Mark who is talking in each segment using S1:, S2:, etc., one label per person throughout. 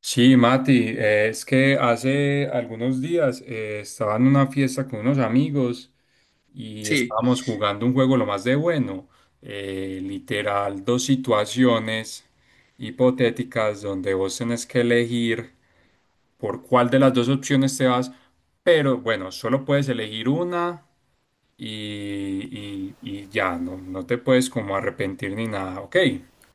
S1: Sí, Mati, es que hace algunos días estaba en una fiesta con unos amigos y
S2: Sí,
S1: estábamos jugando un juego lo más de bueno, literal, dos situaciones hipotéticas donde vos tenés que elegir por cuál de las dos opciones te vas, pero bueno, solo puedes elegir una y ya, no te puedes como arrepentir ni nada, ok,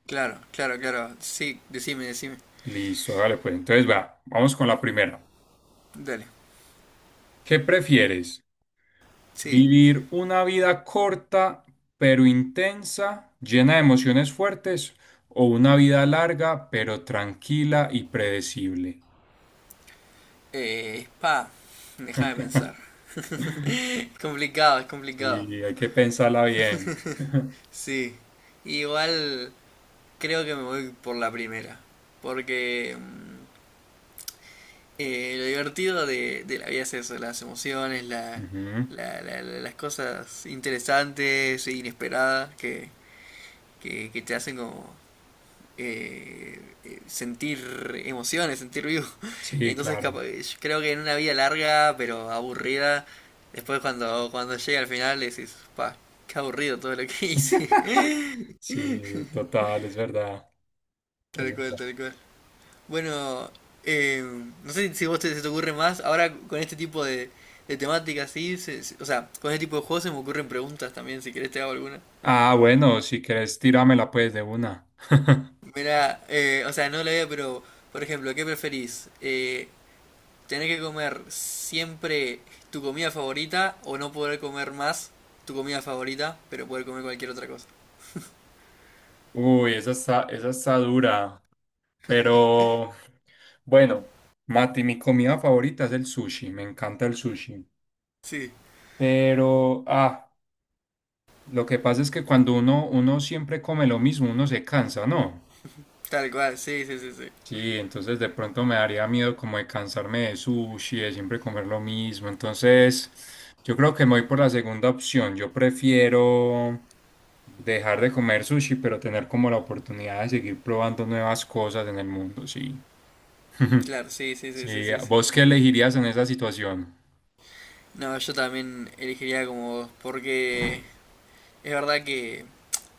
S2: claro, claro, claro. Sí, decime, decime.
S1: listo, hágale pues entonces va, vamos con la primera.
S2: Dale.
S1: ¿Qué prefieres?
S2: Sí.
S1: ¿Vivir una vida corta pero intensa, llena de emociones fuertes, o una vida larga pero tranquila y predecible?
S2: Spa. Deja de pensar. Es complicado, es complicado.
S1: Sí, hay que pensarla bien.
S2: Sí. Igual creo que me voy por la primera. Porque lo divertido de la vida es eso, las emociones,
S1: Ujú.
S2: las cosas interesantes e inesperadas que te hacen como sentir emociones, sentir vivo.
S1: Sí, claro.
S2: Yo creo que en una vida larga pero aburrida, después cuando llega al final decís, pa, qué aburrido todo lo que hice.
S1: Sí, total, es verdad. Es
S2: Tal cual,
S1: verdad.
S2: tal cual. Bueno, eh, no sé si vos te, se te ocurre más, ahora con este tipo de temáticas, sí, o sea, con este tipo de juegos se me ocurren preguntas también, si querés te hago alguna.
S1: Ah, bueno, si querés, tíramela pues de una.
S2: Mira, o sea, no la veo, pero, por ejemplo, ¿qué preferís? Tener que comer siempre tu comida favorita, o no poder comer más tu comida favorita, pero poder comer cualquier otra cosa.
S1: Uy, esa está dura. Pero bueno, Mati, mi comida favorita es el sushi, me encanta el sushi.
S2: Sí,
S1: Pero, ah, lo que pasa es que cuando uno siempre come lo mismo, uno se cansa, ¿no?
S2: tal cual, sí, sí, sí, sí.
S1: Sí, entonces de pronto me daría miedo como de cansarme de sushi, de siempre comer lo mismo. Entonces, yo creo que me voy por la segunda opción. Yo prefiero dejar de comer sushi, pero tener como la oportunidad de seguir probando nuevas cosas en el mundo, sí.
S2: Claro, sí, sí, sí,
S1: Sí,
S2: sí, sí, sí.
S1: ¿vos qué elegirías en esa situación?
S2: No, yo también elegiría como vos, porque es verdad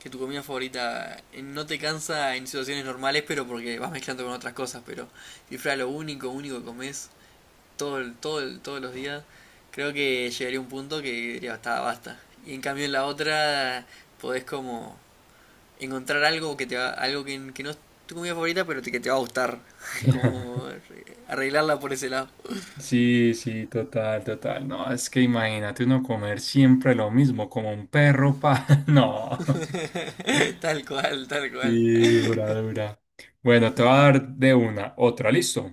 S2: que tu comida favorita no te cansa en situaciones normales, pero porque vas mezclando con otras cosas. Pero si fuera lo único, único que comes, todos los días, creo que llegaría a un punto que diría, basta, basta. Y en cambio en la otra podés como encontrar algo que te va, algo que no es tu comida favorita, pero que te va a gustar. Como arreglarla por ese lado.
S1: Sí, sí, total, total. No, es que imagínate uno comer siempre lo mismo, como un perro, pa. No.
S2: Tal cual, tal cual.
S1: Y dura, dura. Bueno, te voy a dar de una, otra, ¿listo?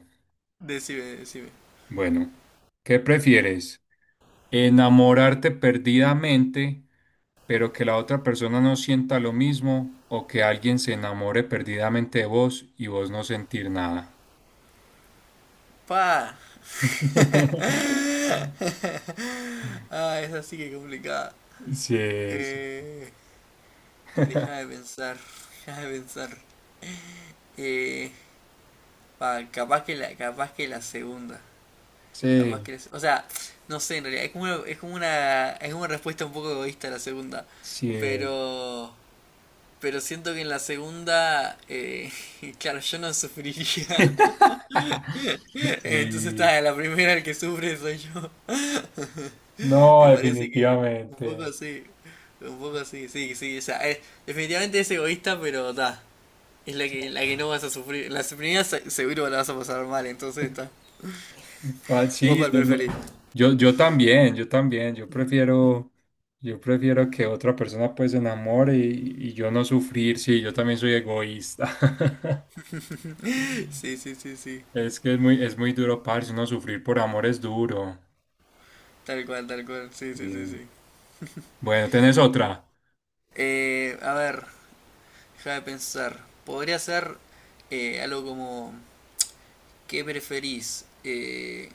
S2: Decime, decime.
S1: Bueno, ¿qué prefieres? ¿Enamorarte perdidamente, pero que la otra persona no sienta lo mismo? ¿O que alguien se enamore perdidamente de vos y vos no sentir nada?
S2: Pa. Ah, es así que es complicada.
S1: Sí, sí,
S2: Eh, Deja de pensar, deja de pensar. Eh, Capaz que capaz que la segunda. Capaz
S1: sí.
S2: que la O sea, no sé en realidad, es como una, es una respuesta un poco egoísta a la segunda.
S1: Sí.
S2: Pero pero siento que en la segunda, claro, yo no sufriría. Entonces
S1: Sí,
S2: está, la primera el que sufre soy yo.
S1: no,
S2: Me parece que un poco
S1: definitivamente.
S2: así. Un poco así, sí, sí. O sea, definitivamente es egoísta, pero está. Es
S1: Sí.
S2: la que no vas a sufrir. La primera seguro la vas a pasar mal, entonces está.
S1: Ah,
S2: ¿Vos
S1: sí,
S2: cuál
S1: no,
S2: preferís?
S1: no. Yo, yo también, yo también, yo prefiero, yo prefiero que otra persona pues se enamore y yo no sufrir, sí, yo también soy egoísta.
S2: Sí, sí, sí, sí.
S1: Es muy duro, parce, uno sufrir por amor es duro.
S2: Tal cual, tal cual. Sí, sí, sí,
S1: Y,
S2: sí.
S1: bueno, ¿tenés otra?
S2: A ver, déjame pensar. Podría ser algo como, ¿qué preferís?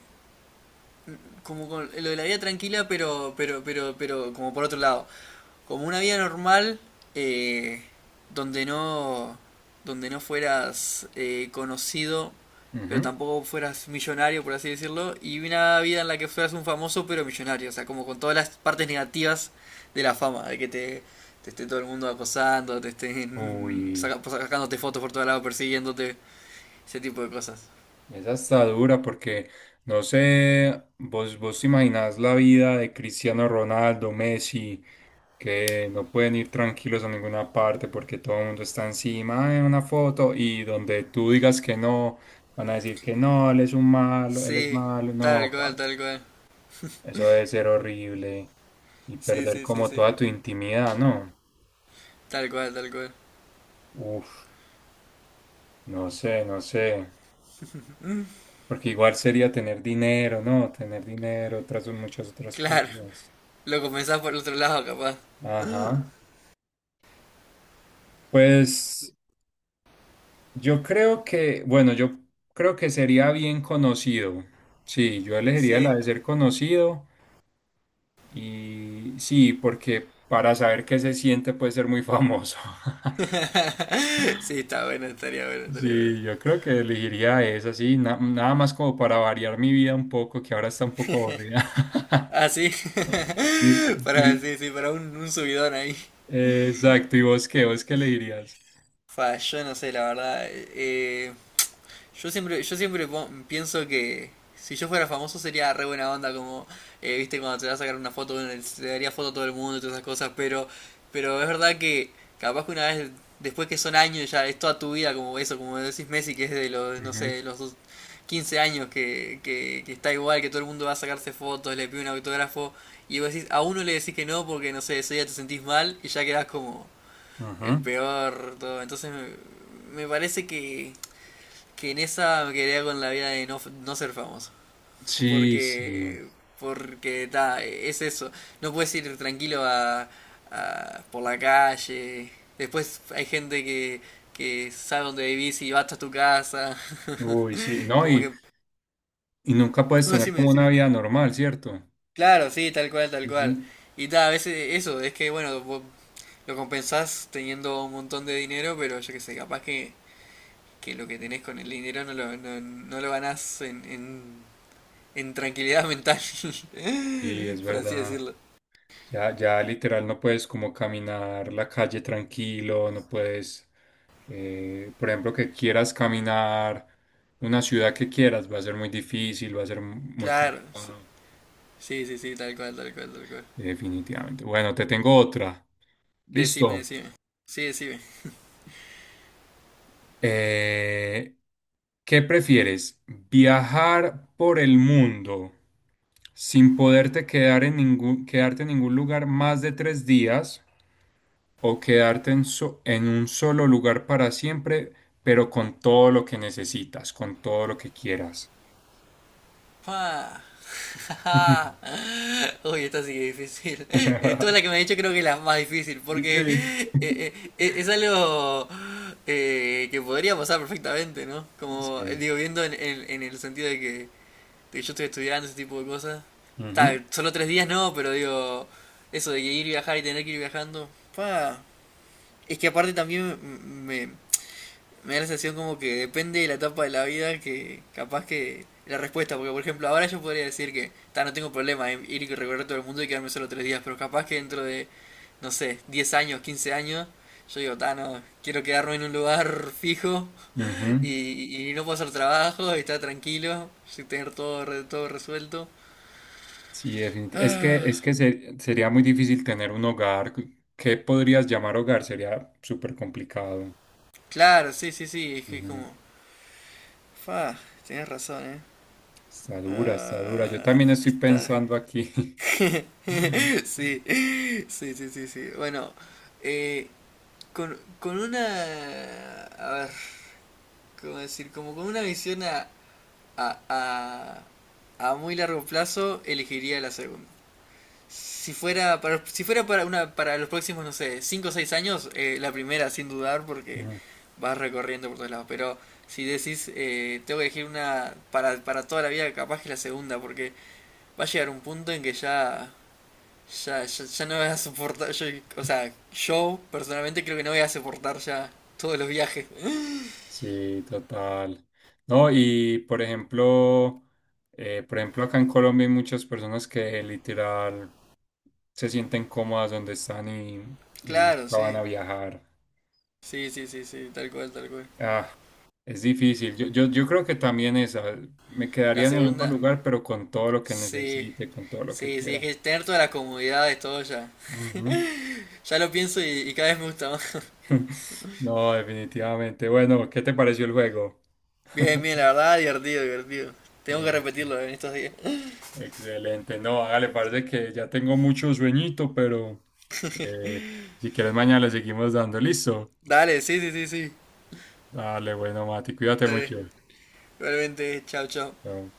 S2: Como lo de la vida tranquila, pero, como por otro lado. Como una vida normal eh, donde no, fueras conocido, pero
S1: Ujú.
S2: tampoco fueras millonario, por así decirlo, y una vida en la que fueras un famoso pero millonario, o sea como con todas las partes negativas de la fama, de que te esté todo el mundo acosando, te estén
S1: Uy,
S2: sacándote fotos por todos lados, persiguiéndote, ese tipo de cosas.
S1: esa está dura porque, no sé, vos te imaginás la vida de Cristiano Ronaldo, Messi, que no pueden ir tranquilos a ninguna parte porque todo el mundo está encima de una foto y donde tú digas que no, van a decir que no, él es un malo, él es
S2: Sí,
S1: malo,
S2: tal
S1: no,
S2: cual,
S1: parce.
S2: tal cual.
S1: Eso debe ser horrible y
S2: Sí,
S1: perder
S2: sí, sí,
S1: como
S2: sí,
S1: toda tu intimidad, ¿no?
S2: tal cual, tal cual.
S1: Uf, no sé, porque igual sería tener dinero, ¿no? Tener dinero, otras muchas otras
S2: Claro,
S1: cosas.
S2: lo comenzás por el otro lado capaz.
S1: Ajá.
S2: Sí.
S1: Pues yo creo que, bueno, yo creo que sería bien conocido. Sí, yo elegiría la
S2: Sí.
S1: de ser conocido y sí, porque para saber qué se siente puede ser muy famoso.
S2: Sí, está bueno, estaría bueno, estaría bueno.
S1: Sí, yo creo que elegiría esa, sí, na- nada más como para variar mi vida un poco, que ahora está un poco aburrida.
S2: Ah, sí.
S1: Y,
S2: Para,
S1: y-
S2: sí, sí, para un subidón ahí.
S1: exacto, ¿y vos qué? ¿Vos qué elegirías?
S2: Fa, yo no sé, la verdad. Yo siempre, pienso que si yo fuera famoso sería re buena onda, como, viste, cuando te vas a sacar una foto, bueno, le daría foto a todo el mundo y todas esas cosas. Pero es verdad que capaz que una vez, después que son años, ya es toda tu vida como eso, como decís Messi, que es de los, no sé,
S1: Ujú.
S2: de los 15 años, que está igual, que todo el mundo va a sacarse fotos, le pide un autógrafo, y vos decís, a uno le decís que no porque, no sé, ese día te sentís mal y ya quedás como el
S1: Ajá.
S2: peor, todo. Me parece que en esa me quedaría con la vida de no, no ser famoso.
S1: Sí, sí.
S2: Porque, porque ta, es eso. No puedes ir tranquilo a, por la calle. Después hay gente que sabe dónde vivís y va hasta tu casa.
S1: Uy, sí, no,
S2: Como que...
S1: y nunca puedes
S2: No,
S1: tener
S2: decime,
S1: como una
S2: decime.
S1: vida normal, ¿cierto?
S2: Claro, sí, tal cual, tal cual.
S1: Ujú.
S2: Y ta, a veces eso, es que bueno, vos lo compensás teniendo un montón de dinero, pero yo qué sé, capaz que lo que tenés con el dinero no lo ganás en tranquilidad mental,
S1: Y es
S2: por así
S1: verdad,
S2: decirlo.
S1: ya literal no puedes como caminar la calle tranquilo, no puedes, por ejemplo, que quieras caminar una ciudad que quieras, va a ser muy difícil, va a ser muy
S2: Claro, sí,
S1: complicado,
S2: sí, sí, sí, tal cual, tal cual, tal cual.
S1: definitivamente. Bueno, te tengo otra.
S2: Decime,
S1: Listo.
S2: decime. Sí, decime.
S1: Eh, ¿Qué prefieres? ¿Viajar por el mundo sin poderte quedar en quedarte en ningún lugar más de 3 días o quedarte en, so- en un solo lugar para siempre, pero con todo lo que necesitas, con todo lo que quieras?
S2: ¡Fua! Uy, esta sí que es difícil. De todas las que me ha dicho creo que es la más difícil, porque
S1: Sí.
S2: es algo que podría pasar perfectamente, ¿no? Como
S1: Sí.
S2: digo, viendo en el sentido de que yo estoy estudiando ese tipo de cosas. Está,
S1: Ujú,
S2: solo tres días no, pero digo, eso de que ir y viajar y tener que ir viajando, pa. Es que aparte también me, me da la sensación como que depende de la etapa de la vida, que capaz que la respuesta, porque por ejemplo ahora yo podría decir que ta, no tengo problema en ir y recorrer todo el mundo y quedarme solo tres días, pero capaz que dentro de, no sé, 10 años, 15 años, yo digo, ta, no, quiero quedarme en un lugar fijo
S1: ujú.
S2: y no puedo hacer trabajo, y estar tranquilo, y tener todo, todo resuelto.
S1: Sí, definitivamente. Es que se- sería muy difícil tener un hogar. ¿Qué podrías llamar hogar? Sería súper complicado.
S2: Claro, sí, sí, sí, es que
S1: Ujú.
S2: como, fa, tienes razón, ¿eh?
S1: Está dura, está dura. Yo
S2: Ah,
S1: también estoy
S2: está.
S1: pensando aquí.
S2: Sí, sí, sí, sí, sí. Bueno, eh, con una, a ver, ¿cómo decir? Como con una visión a, a, a muy largo plazo, elegiría la segunda. Si fuera para, para los próximos, no sé, 5 o seis años, la primera, sin dudar, porque
S1: Ujú.
S2: vas recorriendo por todos lados. Pero si decís, tengo que elegir una para toda la vida, capaz que la segunda, porque va a llegar un punto en que ya no voy a soportar. O sea, yo personalmente creo que no voy a soportar ya todos los viajes.
S1: Sí, total. No, y por ejemplo, acá en Colombia hay muchas personas que literal se sienten cómodas donde están y
S2: Claro,
S1: no van
S2: sí.
S1: a viajar.
S2: Sí, sí, sí, sí, tal cual, tal cual.
S1: Ah, es difícil. Yo creo que también esa. Me
S2: La
S1: quedaría en el mismo
S2: segunda,
S1: lugar, pero con todo lo que
S2: sí,
S1: necesite, con todo lo que
S2: sí, sí, es
S1: quiera.
S2: que tener todas las comodidades, todo ya.
S1: Ujú.
S2: Ya lo pienso y cada vez me gusta más.
S1: No, definitivamente. Bueno, ¿qué te pareció el juego?
S2: Bien, bien, la verdad, divertido, divertido. Tengo que
S1: Listo.
S2: repetirlo en estos días.
S1: Excelente. No, hágale, parece que ya tengo mucho sueñito, pero eh, si quieres mañana le seguimos dando. Listo.
S2: Dale, sí, sí, sí, sí.
S1: Dale, bueno, Mati, cuídate
S2: Dale.
S1: mucho.
S2: Igualmente, chao, chao.
S1: Chao.